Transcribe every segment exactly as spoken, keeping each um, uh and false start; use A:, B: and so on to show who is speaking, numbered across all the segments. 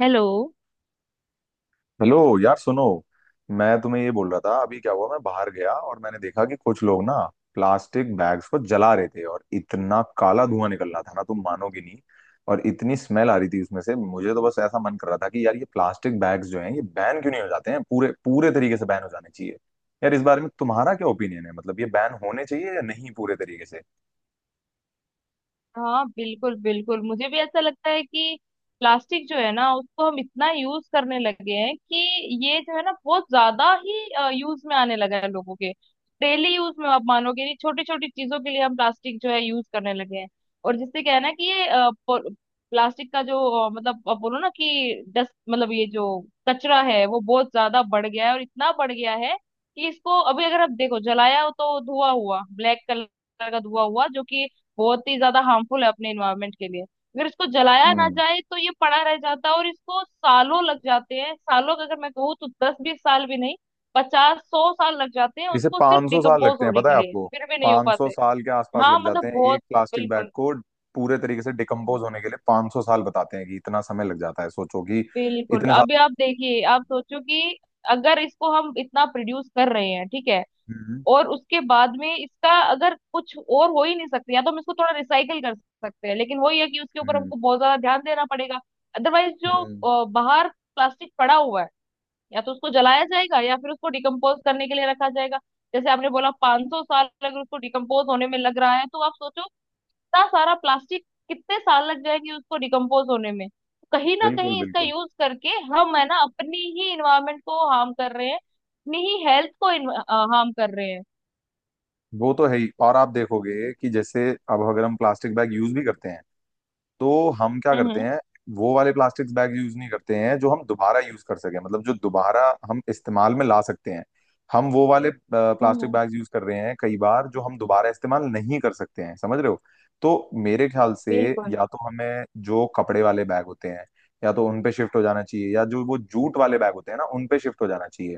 A: Hello.
B: Hello यार सुनो। मैं तुम्हें ये बोल रहा था अभी क्या हुआ, मैं बाहर गया और मैंने देखा कि कुछ लोग ना प्लास्टिक बैग्स को जला रहे थे और इतना काला धुआं निकल रहा था ना, तुम मानोगे नहीं। और इतनी स्मेल आ रही थी उसमें से, मुझे तो बस ऐसा मन कर रहा था कि यार ये प्लास्टिक बैग्स जो हैं ये बैन क्यों नहीं हो जाते हैं, पूरे पूरे तरीके से बैन हो जाने चाहिए। यार, इस बारे में तुम्हारा क्या ओपिनियन है? मतलब ये बैन होने चाहिए या नहीं पूरे तरीके से?
A: हाँ, बिल्कुल बिल्कुल, मुझे भी ऐसा लगता है कि प्लास्टिक जो है ना, उसको हम इतना यूज करने लगे हैं कि ये जो है ना, बहुत ज्यादा ही यूज में आने लगा है लोगों के डेली यूज में। आप मानोगे नहीं, छोटी छोटी चीजों के लिए हम प्लास्टिक जो है यूज करने लगे हैं। और जिससे क्या है ना कि ये प्लास्टिक का जो अ, मतलब आप बोलो ना कि डस्ट, मतलब ये जो कचरा है वो बहुत ज्यादा बढ़ गया है। और इतना बढ़ गया है कि इसको अभी अगर आप देखो जलाया हो तो धुआं हुआ, ब्लैक कलर का धुआं हुआ, जो कि बहुत ही ज्यादा हार्मफुल है अपने इन्वायरमेंट के लिए। अगर इसको जलाया ना
B: हम्म।
A: जाए तो ये पड़ा रह जाता है और इसको सालों लग जाते हैं। सालों का अगर मैं कहूँ तो दस बीस साल भी नहीं, पचास सौ साल लग जाते हैं
B: इसे
A: उसको सिर्फ
B: पाँच सौ साल
A: डिकम्पोज
B: लगते हैं,
A: होने
B: पता
A: के
B: है
A: लिए,
B: आपको?
A: फिर भी नहीं हो
B: पाँच सौ
A: पाते।
B: साल के आसपास
A: हाँ,
B: लग जाते
A: मतलब
B: हैं एक
A: बहुत
B: प्लास्टिक बैग
A: बिल्कुल
B: को पूरे तरीके से डिकम्पोज होने के लिए। पाँच सौ साल बताते हैं कि इतना समय लग जाता है। सोचो कि
A: बिल्कुल।
B: इतने
A: अभी
B: साल।
A: आप देखिए, आप सोचो कि अगर इसको हम इतना प्रोड्यूस कर रहे हैं ठीक है,
B: हम्म।
A: और उसके बाद में इसका अगर कुछ और हो ही नहीं सकती, या तो हम इसको थोड़ा रिसाइकल कर सकते हैं, लेकिन वही है कि उसके ऊपर
B: हम्म
A: हमको बहुत ज्यादा ध्यान देना पड़ेगा। अदरवाइज जो
B: हम्म,
A: अ, बाहर प्लास्टिक पड़ा हुआ है, या तो उसको जलाया जाएगा या फिर उसको डिकम्पोज करने के लिए रखा जाएगा। जैसे आपने बोला पाँच सौ साल अगर उसको डिकम्पोज होने में लग रहा है, तो आप सोचो इतना सारा प्लास्टिक कितने साल लग जाएंगे उसको डिकम्पोज होने में। कहीं ना
B: बिल्कुल
A: कहीं इसका
B: बिल्कुल।
A: यूज करके हम है ना, अपनी ही इन्वायरमेंट को हार्म कर रहे हैं, अपनी ही हेल्थ को हार्म कर रहे हैं।
B: वो तो है ही। और आप देखोगे कि जैसे अब अगर हम प्लास्टिक बैग यूज भी करते हैं तो हम क्या
A: हम्म,
B: करते
A: हम्म।
B: हैं, वो वाले प्लास्टिक बैग यूज नहीं करते हैं जो हम दोबारा यूज कर सके, मतलब जो दोबारा हम इस्तेमाल में ला सकते हैं। हम वो वाले प्लास्टिक
A: हम्म।
B: बैग यूज कर रहे हैं कई बार जो हम दोबारा इस्तेमाल नहीं कर सकते हैं, समझ रहे हो? तो मेरे ख्याल से
A: बिल्कुल
B: या तो हमें जो कपड़े वाले बैग होते हैं, या तो उन पे शिफ्ट हो जाना चाहिए, या जो वो जूट वाले बैग होते हैं ना उन पे शिफ्ट हो जाना चाहिए।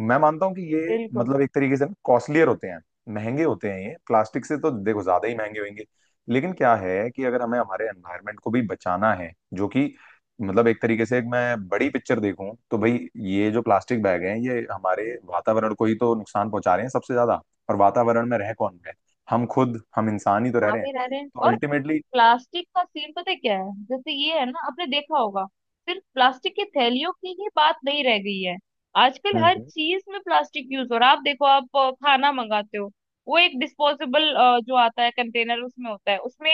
B: मैं मानता हूँ कि ये
A: बिल्कुल।
B: मतलब एक तरीके से कॉस्टलियर होते हैं, महंगे होते हैं, ये प्लास्टिक से तो देखो ज्यादा ही महंगे होंगे। लेकिन क्या है कि अगर हमें हमारे एनवायरनमेंट को भी बचाना है, जो कि मतलब एक तरीके से, एक मैं बड़ी पिक्चर देखूं तो भाई ये जो प्लास्टिक बैग हैं ये हमारे वातावरण को ही तो नुकसान पहुंचा रहे हैं सबसे ज्यादा। और वातावरण में रह कौन रहे? हम खुद, हम इंसान ही तो रह
A: हाँ
B: रहे हैं,
A: भी रह रहे हैं।
B: तो
A: और
B: अल्टीमेटली।
A: प्लास्टिक का सीन पता है क्या है, जैसे ये है ना, आपने देखा होगा, सिर्फ प्लास्टिक की थैलियों की ही बात नहीं रह गई है। आजकल हर
B: हम्म।
A: चीज में प्लास्टिक यूज हो रहा है। आप देखो, आप अ, खाना मंगाते हो, वो एक डिस्पोजेबल जो आता है कंटेनर उसमें होता है, उसमें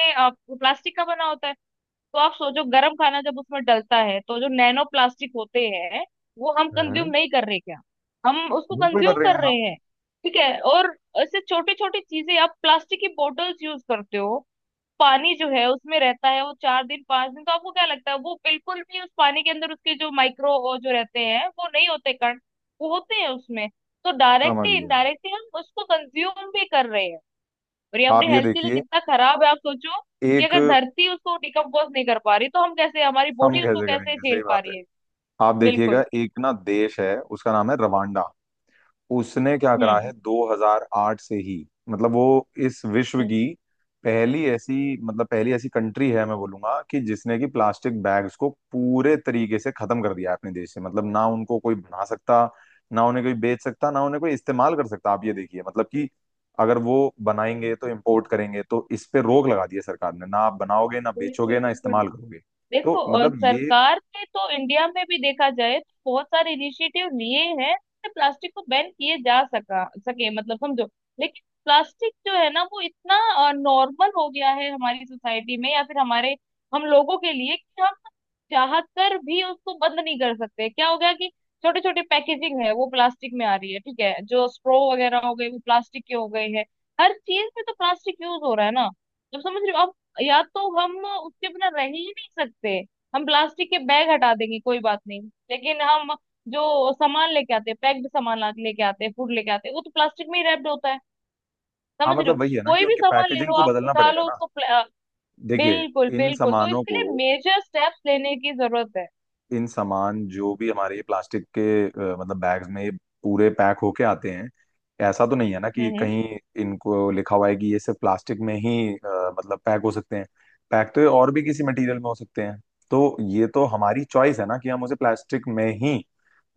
A: प्लास्टिक का बना होता है। तो आप सोचो गर्म खाना जब उसमें डलता है तो जो नैनो प्लास्टिक होते हैं, वो हम कंज्यूम
B: हम्म।
A: नहीं कर रहे क्या? हम उसको
B: बिल्कुल कर
A: कंज्यूम
B: रहे हैं
A: कर
B: हम।
A: रहे हैं। ठीक है। और ऐसे छोटी छोटी चीजें, आप प्लास्टिक की बोटल्स यूज करते हो, पानी जो है उसमें रहता है वो चार दिन पांच दिन, तो आपको क्या लगता है वो बिल्कुल भी उस पानी के अंदर उसके जो माइक्रो जो रहते हैं वो नहीं होते कण? वो होते हैं उसमें। तो
B: समझ
A: डायरेक्टली
B: गया।
A: इनडायरेक्टली हम उसको कंज्यूम भी कर रहे हैं। और ये अपने
B: आप ये
A: हेल्थ के लिए
B: देखिए,
A: कितना खराब है, आप सोचो कि
B: एक,
A: अगर धरती उसको डिकम्पोज नहीं कर पा रही, तो हम कैसे, हमारी
B: हम
A: बॉडी उसको
B: कैसे
A: कैसे
B: करेंगे? सही
A: झेल पा
B: बात है।
A: रही है।
B: आप
A: बिल्कुल।
B: देखिएगा, एक ना देश है, उसका नाम है रवांडा। उसने क्या करा है,
A: हम्म।
B: दो हज़ार आठ से ही मतलब वो इस विश्व
A: हम्म।
B: की पहली ऐसी, मतलब पहली ऐसी कंट्री है, मैं बोलूंगा कि जिसने कि प्लास्टिक बैग्स को पूरे तरीके से खत्म कर दिया है अपने देश से। मतलब ना उनको कोई बना सकता, ना उन्हें कोई बेच सकता, ना उन्हें कोई इस्तेमाल कर सकता। आप ये देखिए, मतलब कि अगर वो बनाएंगे तो इम्पोर्ट करेंगे, तो इस पे रोक लगा दी है सरकार ने। ना आप बनाओगे, ना
A: बिल्कुल
B: बेचोगे, ना
A: बिल्कुल।
B: इस्तेमाल करोगे।
A: देखो,
B: तो
A: और
B: मतलब ये,
A: सरकार ने तो इंडिया में भी देखा जाए तो बहुत सारे इनिशिएटिव लिए हैं, जिससे प्लास्टिक को बैन किए जा सका सके, मतलब समझो। लेकिन प्लास्टिक जो है ना, वो इतना नॉर्मल हो गया है हमारी सोसाइटी में या फिर हमारे हम लोगों के लिए कि हम चाह कर भी उसको बंद नहीं कर सकते। क्या हो गया कि छोटे छोटे पैकेजिंग है वो प्लास्टिक में आ रही है, ठीक है, जो स्ट्रॉ वगैरह हो गए वो प्लास्टिक के हो गए हैं। हर चीज में तो प्लास्टिक यूज हो रहा है ना, जब समझ रहे हो? या तो हम उसके बिना रह ही नहीं सकते। हम प्लास्टिक के बैग हटा देंगे, कोई बात नहीं, लेकिन हम जो सामान लेके आते हैं, पैक्ड सामान ला- लेके आते हैं, फूड लेके आते हैं, वो तो प्लास्टिक में ही रैप्ड होता है।
B: हाँ
A: समझ रहे हो?
B: मतलब वही है ना कि
A: कोई भी
B: उनके
A: सामान ले
B: पैकेजिंग
A: लो
B: को
A: आप,
B: बदलना
A: उठा
B: पड़ेगा
A: लो
B: ना।
A: उसको प्ला- अ,
B: देखिए,
A: बिल्कुल
B: इन
A: बिल्कुल, तो
B: सामानों
A: इसके
B: को,
A: लिए मेजर स्टेप्स लेने की जरूरत है।
B: इन सामान जो भी हमारे ये प्लास्टिक के अ, मतलब बैग्स में ये पूरे पैक होके आते हैं, ऐसा तो नहीं है ना
A: हम्म।
B: कि
A: हम्म।
B: कहीं इनको लिखा हुआ है कि ये सिर्फ प्लास्टिक में ही अ, मतलब पैक हो सकते हैं। पैक तो ये और भी किसी मटेरियल में हो सकते हैं। तो ये तो हमारी चॉइस है ना कि हम उसे प्लास्टिक में ही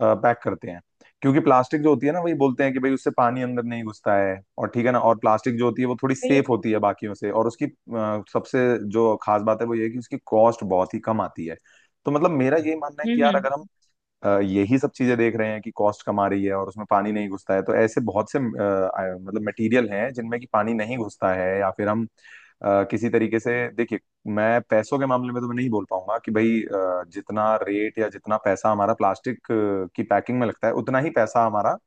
B: पैक करते हैं। क्योंकि प्लास्टिक जो होती है ना, वही बोलते हैं कि भाई उससे पानी अंदर नहीं घुसता है और ठीक है ना, और प्लास्टिक जो होती है वो थोड़ी
A: बिल-
B: सेफ होती है बाकियों से, और उसकी अ, सबसे जो खास बात है वो ये है कि उसकी कॉस्ट बहुत ही कम आती है। तो मतलब मेरा ये मानना है कि
A: हम्म।
B: यार अगर हम
A: हम्म,
B: अ, यही सब चीजें देख रहे हैं कि कॉस्ट कम आ रही है और उसमें पानी नहीं घुसता है, तो ऐसे बहुत से अ, आ- मतलब मटेरियल हैं जिनमें कि पानी नहीं घुसता है, या फिर हम अ, किसी तरीके से, देखिए, मैं पैसों के मामले में तो मैं नहीं बोल पाऊंगा कि भाई अ, जितना रेट या जितना पैसा हमारा प्लास्टिक अ, की पैकिंग में लगता है उतना ही पैसा हमारा,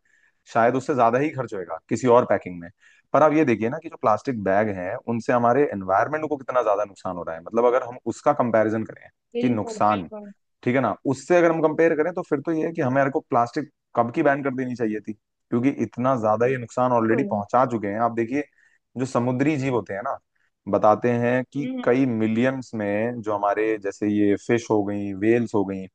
B: शायद उससे ज्यादा ही खर्च होएगा किसी और पैकिंग में। पर आप ये देखिए ना कि जो प्लास्टिक बैग हैं उनसे हमारे एनवायरनमेंट को कितना ज्यादा नुकसान हो रहा है, मतलब अगर हम उसका कंपैरिजन करें कि
A: बिल्कुल।
B: नुकसान,
A: बिल्कुल
B: ठीक है ना, उससे अगर हम कंपेयर करें तो फिर तो ये है कि हमें को प्लास्टिक कब की बैन कर देनी चाहिए थी, क्योंकि इतना ज्यादा ये नुकसान ऑलरेडी
A: बिल्कुल।
B: पहुंचा चुके हैं। आप देखिए जो समुद्री जीव होते हैं ना, बताते हैं कि
A: हम्म।
B: कई मिलियंस में, जो हमारे जैसे ये फिश हो गई, वेल्स हो गई,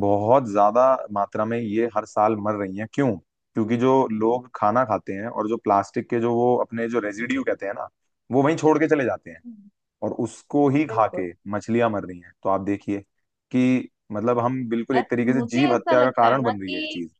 B: बहुत ज्यादा मात्रा में ये हर साल मर रही हैं। क्यों? क्योंकि जो लोग खाना खाते हैं और जो प्लास्टिक के जो वो अपने जो रेजिड्यू कहते हैं ना, वो वहीं छोड़ के चले जाते हैं,
A: हम्म,
B: और उसको ही खा
A: बिल्कुल।
B: के मछलियां मर रही हैं। तो आप देखिए कि मतलब हम बिल्कुल
A: अ-
B: एक तरीके से
A: मुझे
B: जीव
A: ऐसा
B: हत्या का
A: लगता है
B: कारण
A: ना
B: बन रही है
A: कि
B: ये चीज।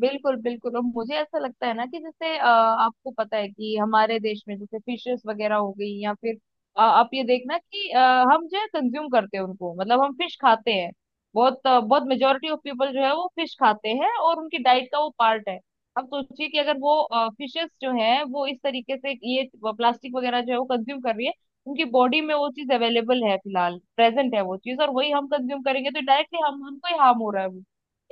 A: बिल्कुल बिल्कुल। और मुझे ऐसा लगता है ना कि जैसे अ, आपको पता है कि हमारे देश में जैसे फिशेस वगैरह हो गई, या फिर अ, आप ये देखना कि अ, हम जो है कंज्यूम करते हैं उनको, मतलब हम फिश खाते हैं। बहुत अ, बहुत मेजोरिटी ऑफ पीपल जो है वो फिश खाते हैं और उनकी डाइट का वो पार्ट है। अब सोचिए कि अगर वो फिशेस जो है वो इस तरीके से ये प्लास्टिक वगैरह जो है वो कंज्यूम कर रही है, उनकी बॉडी में वो चीज अवेलेबल है, फिलहाल प्रेजेंट है वो चीज, और वही हम कंज्यूम करेंगे तो डायरेक्टली हम उनको ही हार्म हो रहा है वो।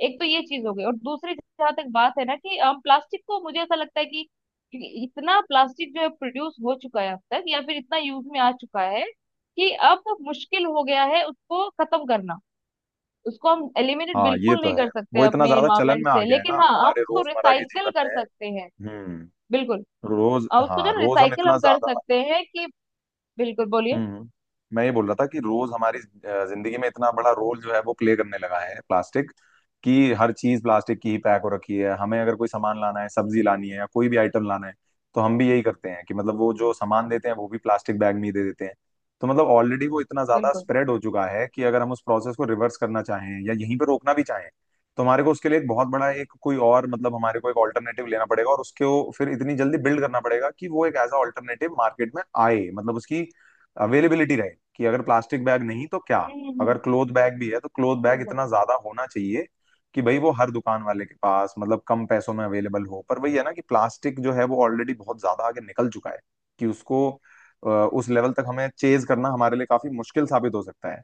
A: एक तो ये चीज हो गई, और दूसरी, जहाँ तक बात है ना कि अम, प्लास्टिक को मुझे ऐसा लगता है कि इतना प्लास्टिक जो है प्रोड्यूस हो चुका है अब तक, या फिर इतना यूज में आ चुका है कि अब मुश्किल हो गया है उसको खत्म करना। उसको हम एलिमिनेट
B: हाँ ये
A: बिल्कुल नहीं
B: तो है।
A: कर सकते
B: वो इतना
A: अपने
B: ज्यादा चलन
A: इन्वायरमेंट
B: में आ
A: से,
B: गया है ना
A: लेकिन हाँ, हम
B: हमारे
A: उसको
B: रोजमर्रा के
A: रिसाइकल
B: जीवन
A: कर
B: में।
A: सकते हैं।
B: हम्म।
A: बिल्कुल।
B: रोज,
A: और उसको
B: हाँ
A: जो
B: रोज हम
A: रिसाइकल
B: इतना
A: हम कर
B: ज्यादा।
A: सकते हैं कि बिल्कुल बोलिए।
B: हम्म। मैं ये बोल रहा था कि रोज हमारी अ, जिंदगी में इतना बड़ा रोल जो है वो प्ले करने लगा है प्लास्टिक, कि हर चीज प्लास्टिक की ही पैक हो रखी है। हमें अगर कोई सामान लाना है, सब्जी लानी है या कोई भी आइटम लाना है, तो हम भी यही करते हैं कि मतलब वो जो सामान देते हैं वो भी प्लास्टिक बैग में ही दे देते हैं। तो मतलब ऑलरेडी वो इतना ज्यादा
A: बिल्कुल।
B: स्प्रेड हो चुका है कि अगर हम उस प्रोसेस को रिवर्स करना चाहें या यहीं पर रोकना भी चाहें, तो हमारे को उसके लिए एक बहुत बड़ा एक कोई और मतलब हमारे को एक ऑल्टरनेटिव लेना पड़ेगा, और उसको फिर इतनी जल्दी बिल्ड करना पड़ेगा कि वो एक एज अ ऑल्टरनेटिव मार्केट में आए, मतलब उसकी अवेलेबिलिटी रहे कि अगर प्लास्टिक बैग नहीं तो क्या।
A: हम्म,
B: अगर
A: हम्म,
B: क्लोथ बैग भी है, तो क्लोथ बैग
A: बिल्कुल।
B: इतना ज्यादा होना चाहिए कि भाई वो हर दुकान वाले के पास मतलब कम पैसों में अवेलेबल हो। पर वही है ना कि प्लास्टिक जो है वो ऑलरेडी बहुत ज्यादा आगे निकल चुका है, कि उसको अ, उस लेवल तक हमें चेज करना हमारे लिए काफी मुश्किल साबित हो सकता है।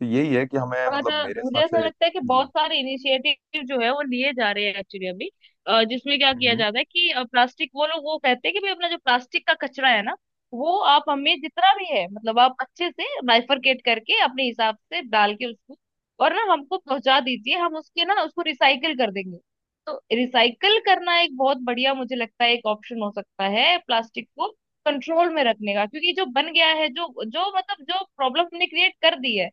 B: तो यही है कि हमें
A: और
B: मतलब
A: अ,
B: मेरे
A: मुझे
B: हिसाब
A: ऐसा
B: से
A: लगता है कि बहुत
B: जी।
A: सारे इनिशिएटिव जो है वो लिए जा रहे हैं एक्चुअली अभी। अ, जिसमें क्या किया
B: हम्म।
A: जाता है कि प्लास्टिक वो लोग वो कहते हैं कि भाई अपना जो प्लास्टिक का कचरा है ना, वो आप हमें जितना भी है, मतलब आप अच्छे से बाइफरकेट करके अपने हिसाब से डाल के उसको, और ना हमको पहुंचा दीजिए, हम उसके ना उसको रिसाइकल कर देंगे। तो रिसाइकल करना एक बहुत बढ़िया, मुझे लगता है, एक ऑप्शन हो सकता है प्लास्टिक को कंट्रोल में रखने का। क्योंकि जो बन गया है, जो जो मतलब जो प्रॉब्लम हमने क्रिएट कर दी है,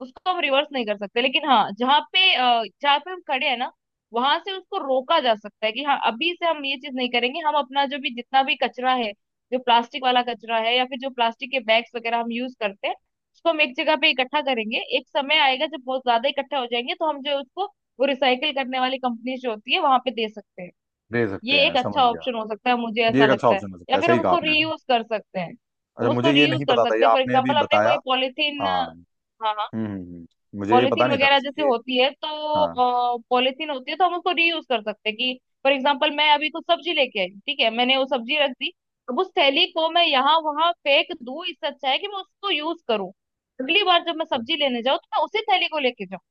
A: उसको हम रिवर्स नहीं कर सकते। लेकिन हाँ, जहाँ पे अ, जहाँ पे हम खड़े हैं ना, वहां से उसको रोका जा सकता है कि हाँ, अभी से हम ये चीज नहीं करेंगे। हम अपना जो भी जितना भी कचरा है, जो प्लास्टिक वाला कचरा है या फिर जो प्लास्टिक के बैग्स वगैरह हम यूज करते हैं, उसको हम एक जगह पे इकट्ठा करेंगे। एक समय आएगा जब बहुत ज्यादा इकट्ठा हो जाएंगे, तो हम जो है उसको, वो रिसाइकल करने वाली कंपनी जो होती है वहां पे दे सकते हैं।
B: दे सकते
A: ये
B: हैं,
A: एक अच्छा
B: समझ गया।
A: ऑप्शन हो सकता है, मुझे
B: ये
A: ऐसा
B: एक अच्छा
A: लगता है।
B: ऑप्शन हो
A: या
B: सकता है,
A: फिर
B: सही
A: हम
B: कहा
A: उसको
B: आपने।
A: रीयूज कर सकते हैं।
B: अच्छा
A: हम उसको
B: मुझे ये
A: रीयूज
B: नहीं
A: कर
B: पता था, ये
A: सकते हैं, फॉर
B: आपने अभी
A: एग्जाम्पल हमने
B: बताया।
A: कोई पॉलिथीन,
B: हाँ। हम्म
A: हाँ,
B: हम्म, हम्म। मुझे ये पता
A: पॉलिथीन
B: नहीं था
A: वगैरह
B: वैसे
A: जैसे
B: ये।
A: होती है,
B: हाँ।
A: तो पॉलिथीन होती है तो हम उसको रीयूज कर सकते हैं। कि फॉर एग्जाम्पल मैं अभी कुछ सब्जी लेके आई, ठीक है, मैंने वो सब्जी रख दी। अब उस थैली को मैं यहाँ वहां फेंक दूं, इससे अच्छा है कि मैं उसको यूज करूँ। अगली बार जब मैं सब्जी लेने जाऊँ तो मैं उसी थैली को लेके जाऊँ।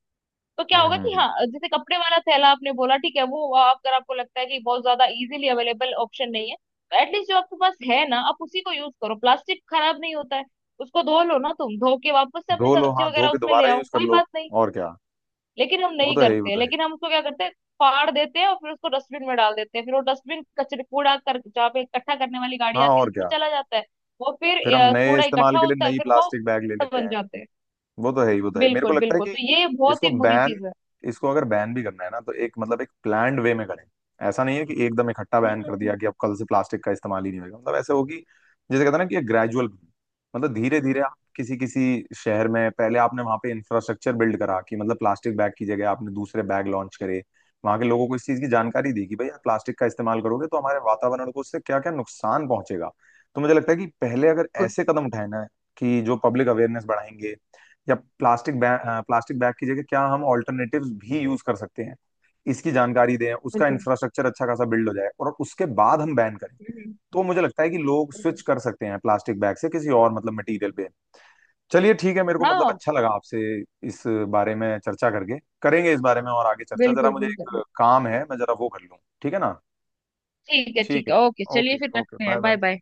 A: तो क्या
B: हम्म
A: होगा
B: हम्म,
A: कि
B: हम्म।
A: हाँ, जैसे कपड़े वाला थैला आपने बोला ठीक है, वो आ, अगर आपको लगता है कि बहुत ज्यादा इजीली अवेलेबल ऑप्शन नहीं है, तो एटलीस्ट जो आपके पास है ना, आप उसी को यूज करो, प्लास्टिक खराब नहीं होता है, उसको धो लो ना तुम, धो के वापस से अपनी
B: धो लो,
A: सब्जी
B: हाँ धो
A: वगैरह
B: के
A: उसमें ले
B: दोबारा
A: आओ,
B: यूज कर
A: कोई
B: लो
A: बात नहीं।
B: और क्या।
A: लेकिन हम
B: वो
A: नहीं
B: तो है ही, वो
A: करते हैं।
B: तो है ही।
A: लेकिन हम उसको क्या करते हैं, फाड़ देते हैं और फिर उसको डस्टबिन में डाल देते हैं। फिर वो डस्टबिन कचरे कूड़ा कर जहाँ पे इकट्ठा करने वाली गाड़ी
B: हाँ
A: आती है
B: और
A: उसमें
B: क्या।
A: चला जाता है। वो फिर
B: फिर हम
A: अ,
B: नए
A: कूड़ा
B: इस्तेमाल
A: इकट्ठा
B: के लिए
A: होता है,
B: नई
A: फिर वो
B: प्लास्टिक बैग ले
A: कूड़ा
B: लेते
A: बन
B: हैं।
A: जाते हैं।
B: वो तो है ही, वो तो है ही। मेरे को
A: बिल्कुल
B: लगता है
A: बिल्कुल,
B: कि
A: तो ये बहुत ही
B: इसको
A: बुरी
B: बैन,
A: चीज है।
B: इसको अगर बैन भी करना है ना, तो एक मतलब एक प्लान्ड वे में करें। ऐसा नहीं है कि एकदम इकट्ठा
A: हम्म।
B: बैन
A: हम्म,
B: कर
A: हम्म,
B: दिया कि अब कल से प्लास्टिक का इस्तेमाल ही नहीं होगा, मतलब ऐसे होगी, जैसे कहते हैं ना कि ग्रेजुअल, मतलब धीरे धीरे आप किसी किसी शहर में पहले आपने वहां पे इंफ्रास्ट्रक्चर बिल्ड करा कि मतलब प्लास्टिक बैग की जगह आपने दूसरे बैग लॉन्च करे, वहां के लोगों को इस चीज की जानकारी दी कि भाई आप प्लास्टिक का इस्तेमाल करोगे तो हमारे वातावरण को उससे क्या क्या नुकसान पहुंचेगा। तो मुझे लगता है कि पहले अगर
A: बिल्कुल।
B: ऐसे कदम उठाए ना कि जो पब्लिक अवेयरनेस बढ़ाएंगे, या प्लास्टिक बैग प्लास्टिक बैग की जगह क्या हम ऑल्टरनेटिव्स भी यूज कर सकते हैं, इसकी जानकारी दें, उसका
A: बिल्कुल।
B: इंफ्रास्ट्रक्चर अच्छा खासा बिल्ड हो जाए, और उसके बाद हम बैन करें।
A: हम्म,
B: तो मुझे लगता है कि लोग स्विच
A: बिल्कुल।
B: कर सकते हैं प्लास्टिक बैग से किसी और मतलब मटेरियल पे। चलिए ठीक है, मेरे को मतलब
A: हाँ,
B: अच्छा लगा आपसे इस बारे में चर्चा करके। करेंगे इस बारे में और आगे चर्चा। जरा
A: बिल्कुल
B: मुझे
A: बिल्कुल।
B: एक काम है, मैं जरा वो कर लूँ, ठीक है ना।
A: ठीक है,
B: ठीक
A: ठीक
B: है।
A: है, ओके, चलिए
B: ओके
A: फिर
B: ओके
A: रखते
B: बाय
A: हैं, बाय
B: बाय।
A: बाय।